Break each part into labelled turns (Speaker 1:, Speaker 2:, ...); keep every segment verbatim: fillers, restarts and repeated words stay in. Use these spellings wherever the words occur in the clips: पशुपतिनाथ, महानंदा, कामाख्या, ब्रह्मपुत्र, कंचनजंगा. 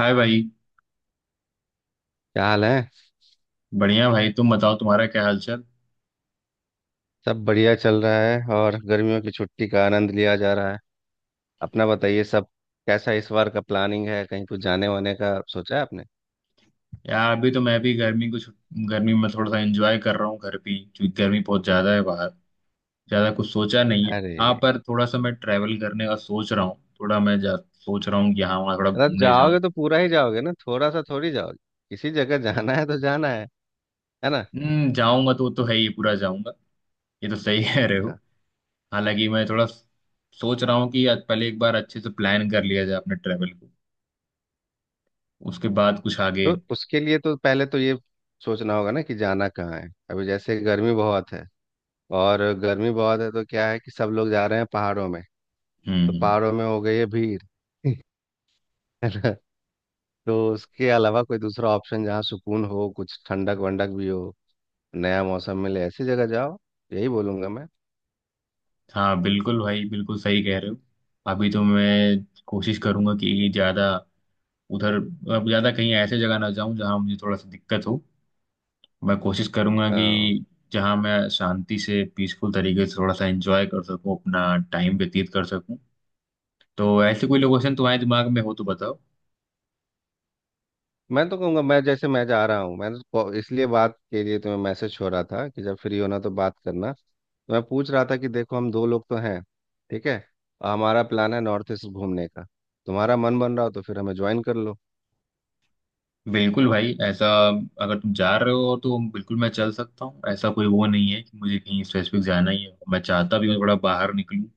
Speaker 1: हाय भाई।
Speaker 2: क्या हाल है?
Speaker 1: बढ़िया भाई, तुम बताओ तुम्हारा क्या हालचाल।
Speaker 2: सब बढ़िया चल रहा है और गर्मियों की छुट्टी का आनंद लिया जा रहा है। अपना बताइए सब। कैसा इस बार का प्लानिंग है? कहीं कुछ जाने वाने का सोचा है आपने?
Speaker 1: यार, अभी तो मैं भी गर्मी को छु- गर्मी में थोड़ा सा एंजॉय कर रहा हूँ घर पे ही, क्योंकि गर्मी बहुत ज्यादा है बाहर। ज्यादा कुछ सोचा नहीं है। हाँ,
Speaker 2: अरे,
Speaker 1: पर थोड़ा सा मैं ट्रैवल करने का सोच रहा हूँ, थोड़ा मैं जा, सोच रहा हूँ कि हाँ वहाँ थोड़ा
Speaker 2: अगर
Speaker 1: घूमने जाऊँ।
Speaker 2: जाओगे तो पूरा ही जाओगे ना, थोड़ा सा थोड़ी जाओगे। किसी जगह जाना है तो जाना है है ना।
Speaker 1: हम्म, जाऊंगा तो वो तो है ही, पूरा जाऊंगा। ये तो सही कह रहे हो।
Speaker 2: हाँ।
Speaker 1: हालांकि मैं थोड़ा सोच रहा हूँ कि आज पहले एक बार अच्छे से प्लान कर लिया जाए अपने ट्रैवल को, उसके बाद कुछ आगे।
Speaker 2: तो उसके लिए तो पहले तो ये सोचना होगा ना कि जाना कहाँ है। अभी जैसे गर्मी बहुत है, और गर्मी बहुत है तो क्या है कि सब लोग जा रहे हैं पहाड़ों में।
Speaker 1: हम्म,
Speaker 2: तो
Speaker 1: हम्म।
Speaker 2: पहाड़ों में हो गई है भीड़ है। तो उसके अलावा कोई दूसरा ऑप्शन जहाँ सुकून हो, कुछ ठंडक वंडक भी हो, नया मौसम मिले, ऐसी जगह जाओ, यही बोलूंगा मैं।
Speaker 1: हाँ बिल्कुल भाई, बिल्कुल सही कह रहे हो। अभी तो मैं कोशिश करूंगा कि ज़्यादा उधर, अब ज़्यादा कहीं ऐसे जगह ना जाऊं जहां मुझे थोड़ा सा दिक्कत हो। मैं कोशिश करूंगा कि
Speaker 2: अ,
Speaker 1: जहां मैं शांति से पीसफुल तरीके से थोड़ा सा एंजॉय कर सकूं, अपना टाइम व्यतीत कर सकूं। तो ऐसे कोई लोकेशन तुम्हारे दिमाग में हो तो बताओ।
Speaker 2: मैं तो कहूँगा, मैं जैसे मैं जा रहा हूँ, मैं तो को- इसलिए बात के लिए तुम्हें मैसेज छोड़ रहा था कि जब फ्री होना तो बात करना। तो मैं पूछ रहा था कि देखो, हम दो लोग तो हैं, ठीक है, और हमारा प्लान है नॉर्थ ईस्ट घूमने का। तुम्हारा मन बन रहा हो तो फिर हमें ज्वाइन कर लो।
Speaker 1: बिल्कुल भाई, ऐसा अगर तुम जा रहे हो तो बिल्कुल मैं चल सकता हूँ। ऐसा कोई वो नहीं है कि मुझे कहीं स्पेसिफिक जाना ही है। मैं चाहता भी हूँ थोड़ा बाहर निकलूँ।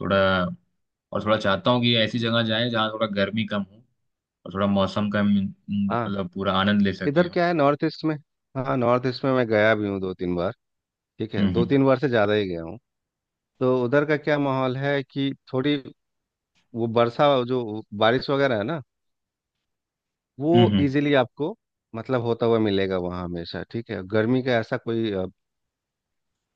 Speaker 1: थोड़ा, और थोड़ा चाहता हूँ कि ऐसी जगह जाए जहाँ थोड़ा गर्मी कम हो, और थोड़ा मौसम का हम्म,
Speaker 2: हाँ।
Speaker 1: मतलब पूरा आनंद ले सकें
Speaker 2: इधर
Speaker 1: हम।
Speaker 2: क्या है नॉर्थ ईस्ट में? हाँ, नॉर्थ ईस्ट में मैं गया भी हूँ दो तीन बार। ठीक है,
Speaker 1: हम्म,
Speaker 2: दो
Speaker 1: हम्म,
Speaker 2: तीन बार से ज़्यादा ही गया हूँ। तो उधर का क्या माहौल है कि थोड़ी वो वर्षा जो, बारिश वगैरह है ना, वो
Speaker 1: हम्म,
Speaker 2: इजीली आपको मतलब होता हुआ मिलेगा वहाँ हमेशा। ठीक है, गर्मी का ऐसा कोई अ,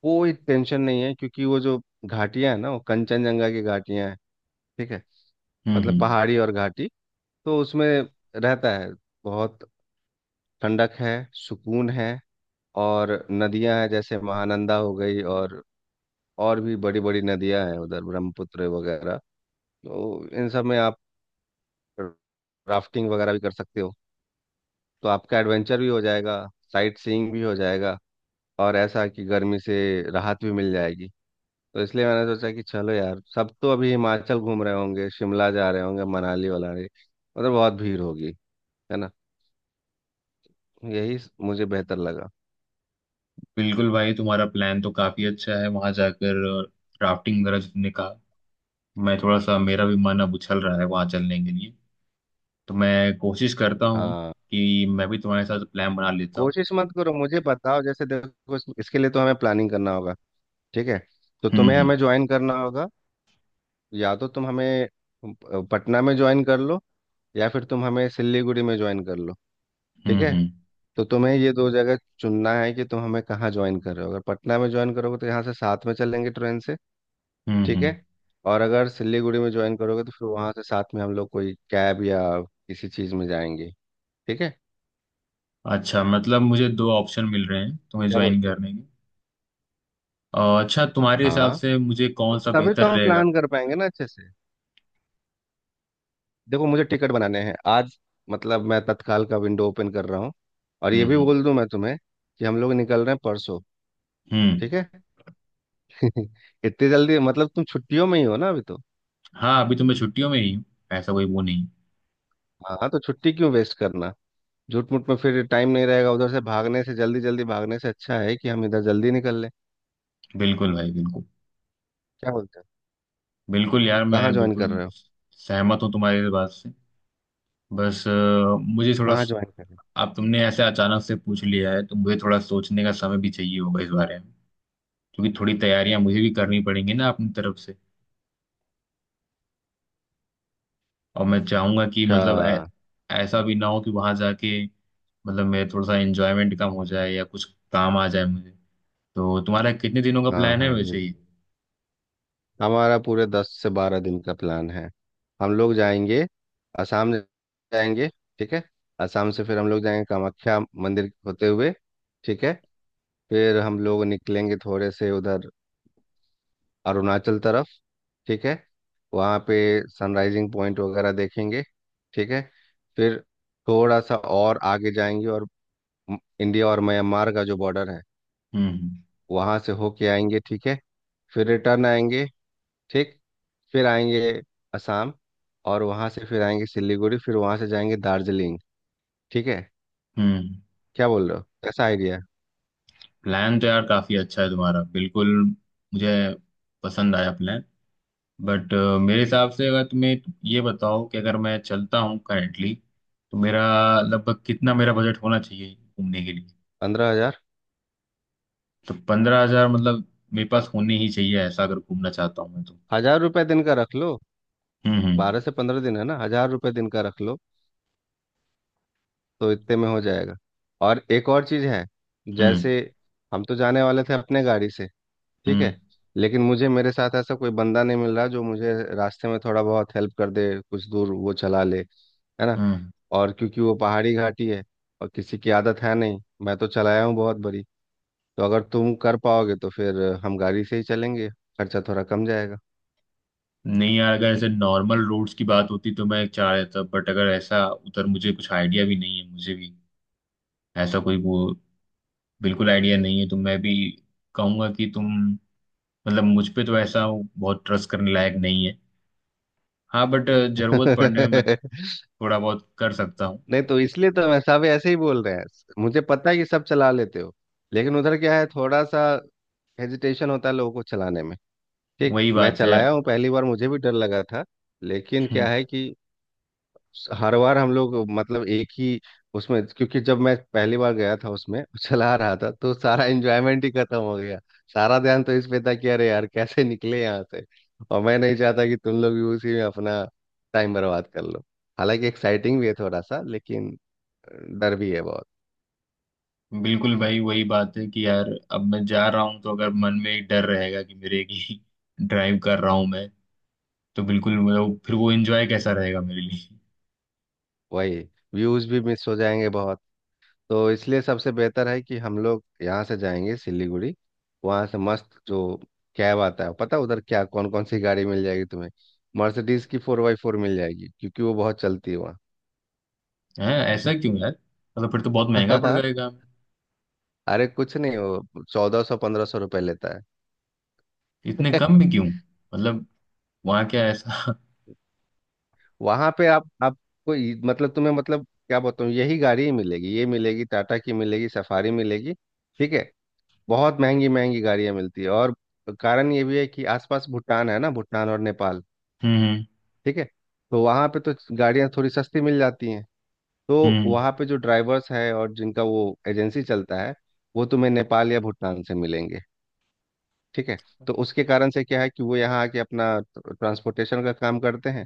Speaker 2: कोई टेंशन नहीं है, क्योंकि वो जो घाटियाँ हैं ना, वो कंचनजंगा की घाटियाँ हैं। ठीक है,
Speaker 1: हम्म,
Speaker 2: मतलब
Speaker 1: हम्म।
Speaker 2: पहाड़ी और घाटी, तो उसमें रहता है बहुत ठंडक है, सुकून है। और नदियाँ हैं जैसे महानंदा हो गई, और और भी बड़ी बड़ी नदियाँ हैं उधर, ब्रह्मपुत्र वगैरह। तो इन सब में आप राफ्टिंग वगैरह भी कर सकते हो, तो आपका एडवेंचर भी हो जाएगा, साइट सीइंग भी हो जाएगा, और ऐसा कि गर्मी से राहत भी मिल जाएगी। तो इसलिए मैंने सोचा कि चलो यार, सब तो अभी हिमाचल घूम रहे होंगे, शिमला जा रहे होंगे, मनाली वनाली, मतलब बहुत भीड़ होगी, है ना। यही स- मुझे बेहतर लगा।
Speaker 1: बिल्कुल भाई, तुम्हारा प्लान तो काफी अच्छा है, वहां जाकर राफ्टिंग वगैरह जितने का। मैं थोड़ा सा, मेरा भी मन अब उछल रहा है वहां चलने के लिए। तो मैं कोशिश करता हूँ
Speaker 2: हाँ,
Speaker 1: कि मैं भी तुम्हारे साथ प्लान बना लेता हूँ।
Speaker 2: कोशिश मत करो, मुझे बताओ। जैसे देखो, इस- इसके लिए तो हमें प्लानिंग करना होगा। ठीक है, तो तुम्हें
Speaker 1: हम्म,
Speaker 2: हमें ज्वाइन करना होगा। या तो तुम हमें अ, पटना में ज्वाइन कर लो, या फिर तुम हमें सिलीगुड़ी में ज्वाइन कर लो।
Speaker 1: हम्म,
Speaker 2: ठीक है,
Speaker 1: हम्म, हम्म,
Speaker 2: तो तुम्हें ये दो जगह चुनना है कि तुम हमें कहाँ ज्वाइन कर रहे हो। अगर पटना में ज्वाइन करोगे तो यहाँ से साथ में चलेंगे ट्रेन से।
Speaker 1: हम्म,
Speaker 2: ठीक
Speaker 1: हम्म।
Speaker 2: है, और अगर सिलीगुड़ी में ज्वाइन करोगे तो फिर वहाँ से साथ में हम लोग कोई कैब या किसी चीज़ में जाएंगे। ठीक है,
Speaker 1: अच्छा मतलब मुझे दो ऑप्शन मिल रहे हैं तुम्हें
Speaker 2: क्या
Speaker 1: ज्वाइन
Speaker 2: बोलते हो?
Speaker 1: करने के। और अच्छा, तुम्हारे हिसाब
Speaker 2: हाँ,
Speaker 1: से मुझे
Speaker 2: तो
Speaker 1: कौन सा
Speaker 2: तभी तो
Speaker 1: बेहतर
Speaker 2: हम
Speaker 1: रहेगा?
Speaker 2: प्लान कर पाएंगे ना अच्छे से। देखो, मुझे टिकट बनाने हैं आज, मतलब मैं तत्काल का विंडो ओपन कर रहा हूँ। और ये
Speaker 1: हम्म,
Speaker 2: भी
Speaker 1: हम्म,
Speaker 2: बोल दूं मैं तुम्हें कि हम लोग निकल रहे हैं परसों।
Speaker 1: हम्म।
Speaker 2: ठीक है इतनी जल्दी, मतलब तुम छुट्टियों में ही हो ना अभी तो।
Speaker 1: हाँ, अभी तो मैं छुट्टियों में ही हूँ। ऐसा कोई वो नहीं।
Speaker 2: हाँ, तो छुट्टी क्यों वेस्ट करना झूठ मूठ में? फिर टाइम नहीं रहेगा, उधर से भागने से, जल्दी जल्दी भागने से अच्छा है कि हम इधर जल्दी निकल लें।
Speaker 1: बिल्कुल भाई, बिल्कुल।
Speaker 2: क्या बोलते हैं?
Speaker 1: बिल्कुल यार,
Speaker 2: कहाँ
Speaker 1: मैं
Speaker 2: ज्वाइन कर
Speaker 1: बिल्कुल
Speaker 2: रहे हो?
Speaker 1: सहमत हूँ तुम्हारी इस बात से। बस अ, मुझे थोड़ा।
Speaker 2: कहाँ ज्वाइन कर रहे हो?
Speaker 1: अब तुमने ऐसे अचानक से पूछ लिया है तो मुझे थोड़ा सोचने का समय भी चाहिए होगा इस बारे में। क्योंकि थोड़ी तैयारियां मुझे भी करनी पड़ेंगी ना अपनी तरफ से। और मैं चाहूंगा कि
Speaker 2: अच्छा।
Speaker 1: मतलब ऐ, ऐसा भी ना हो कि वहां जाके मतलब मेरे थोड़ा सा एंजॉयमेंट कम हो जाए या कुछ काम आ जाए मुझे। तो तुम्हारा कितने दिनों का
Speaker 2: हाँ
Speaker 1: प्लान है
Speaker 2: हाँ, ये
Speaker 1: वैसे ही?
Speaker 2: हमारा पूरे दस से बारह दिन का प्लान है। हम लोग जाएंगे असम जाएंगे। ठीक है, असम से फिर हम लोग जाएंगे कामाख्या मंदिर होते हुए। ठीक है, फिर हम लोग निकलेंगे थोड़े से उधर अरुणाचल तरफ। ठीक है, वहाँ पे सनराइजिंग पॉइंट वगैरह देखेंगे। ठीक है, फिर थोड़ा सा और आगे जाएंगे, और म- इंडिया और म्यांमार का जो बॉर्डर है,
Speaker 1: हम्म,
Speaker 2: वहाँ से होके आएंगे। ठीक है, फिर रिटर्न आएंगे। ठीक, फिर आएंगे असम, और वहाँ से फिर आएंगे सिलीगुड़ी, फिर वहाँ से जाएंगे दार्जिलिंग। ठीक है,
Speaker 1: हम्म।
Speaker 2: क्या बोल रहे हो, कैसा आइडिया है?
Speaker 1: प्लान तो यार काफी अच्छा है तुम्हारा, बिल्कुल मुझे पसंद आया प्लान। बट मेरे हिसाब से, अगर तुम्हें ये बताओ कि अगर मैं चलता हूँ करेंटली तो मेरा लगभग कितना मेरा बजट होना चाहिए घूमने के लिए?
Speaker 2: पंद्रह हजार।
Speaker 1: तो पंद्रह हजार मतलब मेरे पास होने ही चाहिए, ऐसा अगर घूमना चाहता हूँ मैं तो।
Speaker 2: हजार रुपये दिन का रख लो,
Speaker 1: हम्म, हम्म,
Speaker 2: बारह से पंद्रह दिन है ना, हजार रुपये दिन का रख लो, तो इतने में हो जाएगा। और एक और चीज़ है,
Speaker 1: हम्म,
Speaker 2: जैसे हम तो जाने वाले थे अपने गाड़ी से। ठीक
Speaker 1: हम्म,
Speaker 2: है, लेकिन मुझे मेरे साथ ऐसा कोई बंदा नहीं मिल रहा जो मुझे रास्ते में थोड़ा बहुत हेल्प कर दे, कुछ दूर वो चला ले, है ना।
Speaker 1: हम्म।
Speaker 2: और क्योंकि वो पहाड़ी घाटी है, और किसी की आदत है नहीं, मैं तो चलाया हूँ बहुत बड़ी। तो अगर तुम कर पाओगे तो फिर हम गाड़ी से ही चलेंगे, खर्चा थोड़ा कम जाएगा।
Speaker 1: नहीं यार, अगर ऐसे नॉर्मल रोड्स की बात होती तो मैं चाह रहा था, बट अगर ऐसा उधर मुझे कुछ आइडिया भी नहीं है, मुझे भी ऐसा कोई वो बिल्कुल आइडिया नहीं है। तो मैं भी कहूंगा कि तुम, मतलब मुझ पे तो ऐसा हो, बहुत ट्रस्ट करने लायक नहीं है। हाँ बट जरूरत पड़ने में मैं थोड़ा बहुत कर सकता हूँ।
Speaker 2: नहीं, तो इसलिए तो मैं सब ऐसे ही बोल रहे हैं। मुझे पता है कि सब चला लेते हो, लेकिन उधर क्या है, थोड़ा सा हेजिटेशन होता है लोगों को चलाने में। ठीक,
Speaker 1: वही
Speaker 2: मैं
Speaker 1: बात है
Speaker 2: चलाया हूँ पहली बार, मुझे भी डर लगा था। लेकिन क्या
Speaker 1: हम्म,
Speaker 2: है कि हर बार हम लोग मतलब एक ही उसमें, क्योंकि जब मैं पहली बार गया था उसमें चला रहा था, तो सारा एंजॉयमेंट ही खत्म हो गया। सारा ध्यान तो इस पे था कि अरे यार कैसे निकले यहाँ से। और मैं नहीं चाहता कि तुम लोग भी उसी में अपना टाइम बर्बाद कर लो। हालांकि एक्साइटिंग भी है थोड़ा सा, लेकिन डर भी है बहुत।
Speaker 1: बिल्कुल भाई, वही बात है कि यार अब मैं जा रहा हूँ, तो अगर मन में एक डर रहेगा कि मेरे की ड्राइव कर रहा हूँ मैं, तो बिल्कुल मतलब फिर वो एंजॉय कैसा रहेगा मेरे लिए?
Speaker 2: वही, व्यूज भी मिस हो जाएंगे बहुत। तो इसलिए सबसे बेहतर है कि हम लोग यहाँ से जाएंगे सिलीगुड़ी, वहाँ से मस्त जो कैब आता है, पता है उधर क्या कौन कौन सी गाड़ी मिल जाएगी तुम्हें? मर्सिडीज की फोर बाई फोर मिल जाएगी, क्योंकि वो बहुत चलती है वहाँ।
Speaker 1: है ऐसा क्यों यार? मतलब फिर तो बहुत महंगा पड़ जाएगा।
Speaker 2: अरे कुछ नहीं, वो चौदह सौ पंद्रह सौ रुपये लेता
Speaker 1: इतने
Speaker 2: है।
Speaker 1: कम में क्यों मतलब? वहाँ क्या ऐसा?
Speaker 2: वहाँ पे आप आपको ये- मतलब तुम्हें, मतलब क्या बताऊँ, यही गाड़ी ही मिलेगी, ये मिलेगी, टाटा की मिलेगी, सफारी मिलेगी। ठीक है, बहुत महंगी महंगी गाड़ियाँ मिलती है। और कारण ये भी है कि आसपास भूटान है ना, भूटान और नेपाल।
Speaker 1: हम्म, हम्म,
Speaker 2: ठीक है, तो वहाँ पे तो गाड़ियाँ थोड़ी सस्ती मिल जाती हैं। तो
Speaker 1: हम्म।
Speaker 2: वहाँ पे जो ड्राइवर्स है और जिनका वो एजेंसी चलता है, वो तुम्हें नेपाल या भूटान से मिलेंगे। ठीक है, तो उसके कारण से क्या है कि वो यहाँ आके अपना ट्रांसपोर्टेशन का काम करते हैं।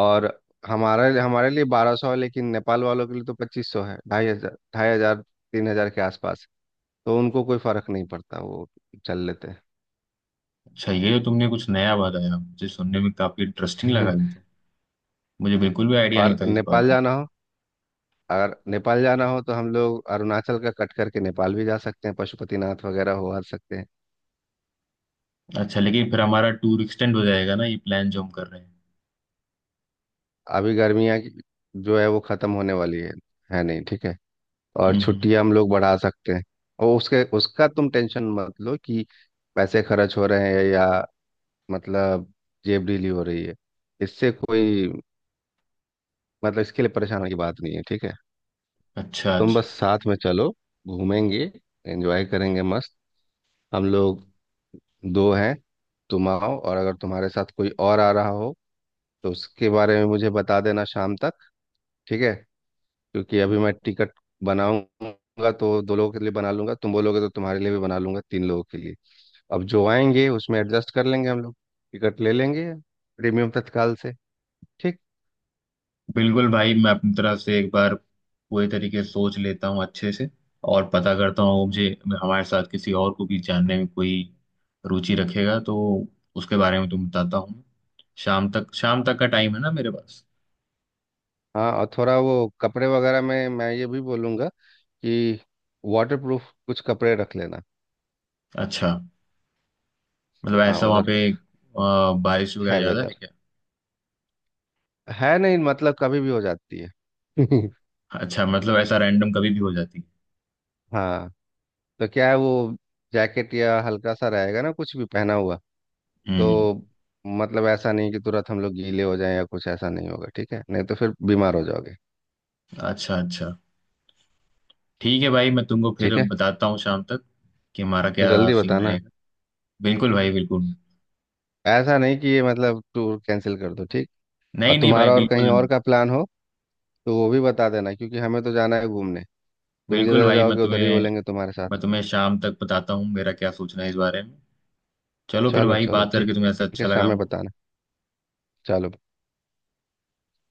Speaker 2: और हमारे हमारे लिए बारह सौ है, लेकिन नेपाल वालों के लिए तो पच्चीस सौ है, ढाई हजार, ढाई हजार तीन हजार के आसपास। तो उनको कोई फर्क नहीं पड़ता, वो चल लेते
Speaker 1: अच्छा, ये जो तुमने कुछ नया बताया मुझे सुनने में काफी इंटरेस्टिंग लगा
Speaker 2: हैं।
Speaker 1: ये तो। मुझे बिल्कुल भी आइडिया नहीं
Speaker 2: और
Speaker 1: था इस बारे
Speaker 2: नेपाल
Speaker 1: में।
Speaker 2: जाना हो, अगर नेपाल जाना हो तो हम लोग अरुणाचल का कट करके नेपाल भी जा सकते हैं, पशुपतिनाथ वगैरह हो आ सकते हैं।
Speaker 1: अच्छा, लेकिन फिर हमारा टूर एक्सटेंड हो जाएगा ना, ये प्लान जो हम कर रहे हैं?
Speaker 2: अभी गर्मियाँ की- जो है वो ख़त्म होने वाली है है नहीं, ठीक है। और
Speaker 1: हम्म, हम्म।
Speaker 2: छुट्टियाँ हम लोग बढ़ा सकते हैं। और उसके उसका तुम टेंशन मत लो कि पैसे खर्च हो रहे हैं या मतलब जेब ढीली हो रही है, इससे कोई मतलब इसके लिए परेशान होने की बात नहीं है। ठीक है,
Speaker 1: अच्छा
Speaker 2: तुम
Speaker 1: अच्छा।
Speaker 2: बस साथ में चलो, घूमेंगे, एंजॉय करेंगे मस्त। हम लोग दो हैं, तुम आओ, और अगर तुम्हारे साथ कोई और आ रहा हो तो उसके बारे में मुझे बता देना शाम तक। ठीक है, क्योंकि अभी मैं टिकट बनाऊंगा तो दो लोगों के लिए बना लूंगा, तुम बोलोगे तो तुम्हारे लिए भी बना लूंगा तीन लोगों के लिए। अब जो आएंगे उसमें एडजस्ट कर लेंगे हम लोग, टिकट ले लेंगे प्रीमियम तत्काल से। ठीक।
Speaker 1: बिल्कुल भाई, मैं अपनी तरफ से एक बार पूरी तरीके से सोच लेता हूँ अच्छे से, और पता करता हूँ मुझे हमारे साथ किसी और को भी जानने में कोई रुचि रखेगा तो उसके बारे में तुम बताता हूँ। शाम तक, शाम तक का टाइम है ना मेरे पास।
Speaker 2: हाँ, और थोड़ा वो कपड़े वगैरह में मैं ये भी बोलूँगा कि वाटर प्रूफ कुछ कपड़े रख लेना।
Speaker 1: अच्छा, मतलब
Speaker 2: हाँ,
Speaker 1: ऐसा वहाँ
Speaker 2: उधर
Speaker 1: पे अ, बारिश वगैरह
Speaker 2: है
Speaker 1: ज्यादा है
Speaker 2: वेदर,
Speaker 1: क्या?
Speaker 2: है नहीं, मतलब कभी भी हो जाती है।
Speaker 1: अच्छा, मतलब ऐसा रैंडम कभी भी हो जाती
Speaker 2: हाँ, तो क्या है, वो जैकेट या हल्का सा रहेगा ना कुछ भी पहना हुआ,
Speaker 1: है? हम्म।
Speaker 2: तो मतलब ऐसा नहीं कि तुरंत हम लोग गीले हो जाएं या कुछ, ऐसा नहीं होगा। ठीक है, नहीं तो फिर बीमार हो जाओगे।
Speaker 1: अच्छा अच्छा, ठीक है भाई मैं तुमको फिर
Speaker 2: ठीक है,
Speaker 1: बताता हूँ शाम तक कि हमारा क्या
Speaker 2: जल्दी
Speaker 1: सीन
Speaker 2: बताना।
Speaker 1: रहेगा। बिल्कुल भाई, बिल्कुल।
Speaker 2: ऐसा नहीं कि ये मतलब टूर कैंसिल कर दो, ठीक। और
Speaker 1: नहीं नहीं भाई,
Speaker 2: तुम्हारा और कहीं
Speaker 1: बिल्कुल
Speaker 2: और
Speaker 1: नहीं।
Speaker 2: का प्लान हो तो वो भी बता देना, क्योंकि हमें तो जाना है घूमने, तुम
Speaker 1: बिल्कुल
Speaker 2: जिधर
Speaker 1: भाई, मैं
Speaker 2: जाओगे उधर ही
Speaker 1: तुम्हें
Speaker 2: बोलेंगे तुम्हारे
Speaker 1: मैं
Speaker 2: साथ।
Speaker 1: तुम्हें शाम तक बताता हूँ मेरा क्या सोचना है इस बारे में। चलो फिर
Speaker 2: चलो
Speaker 1: भाई,
Speaker 2: चलो,
Speaker 1: बात
Speaker 2: ठीक,
Speaker 1: करके तुम्हें ऐसा
Speaker 2: ठीक है,
Speaker 1: अच्छा
Speaker 2: शाम
Speaker 1: लगा
Speaker 2: में
Speaker 1: हमको।
Speaker 2: बताना। चलो।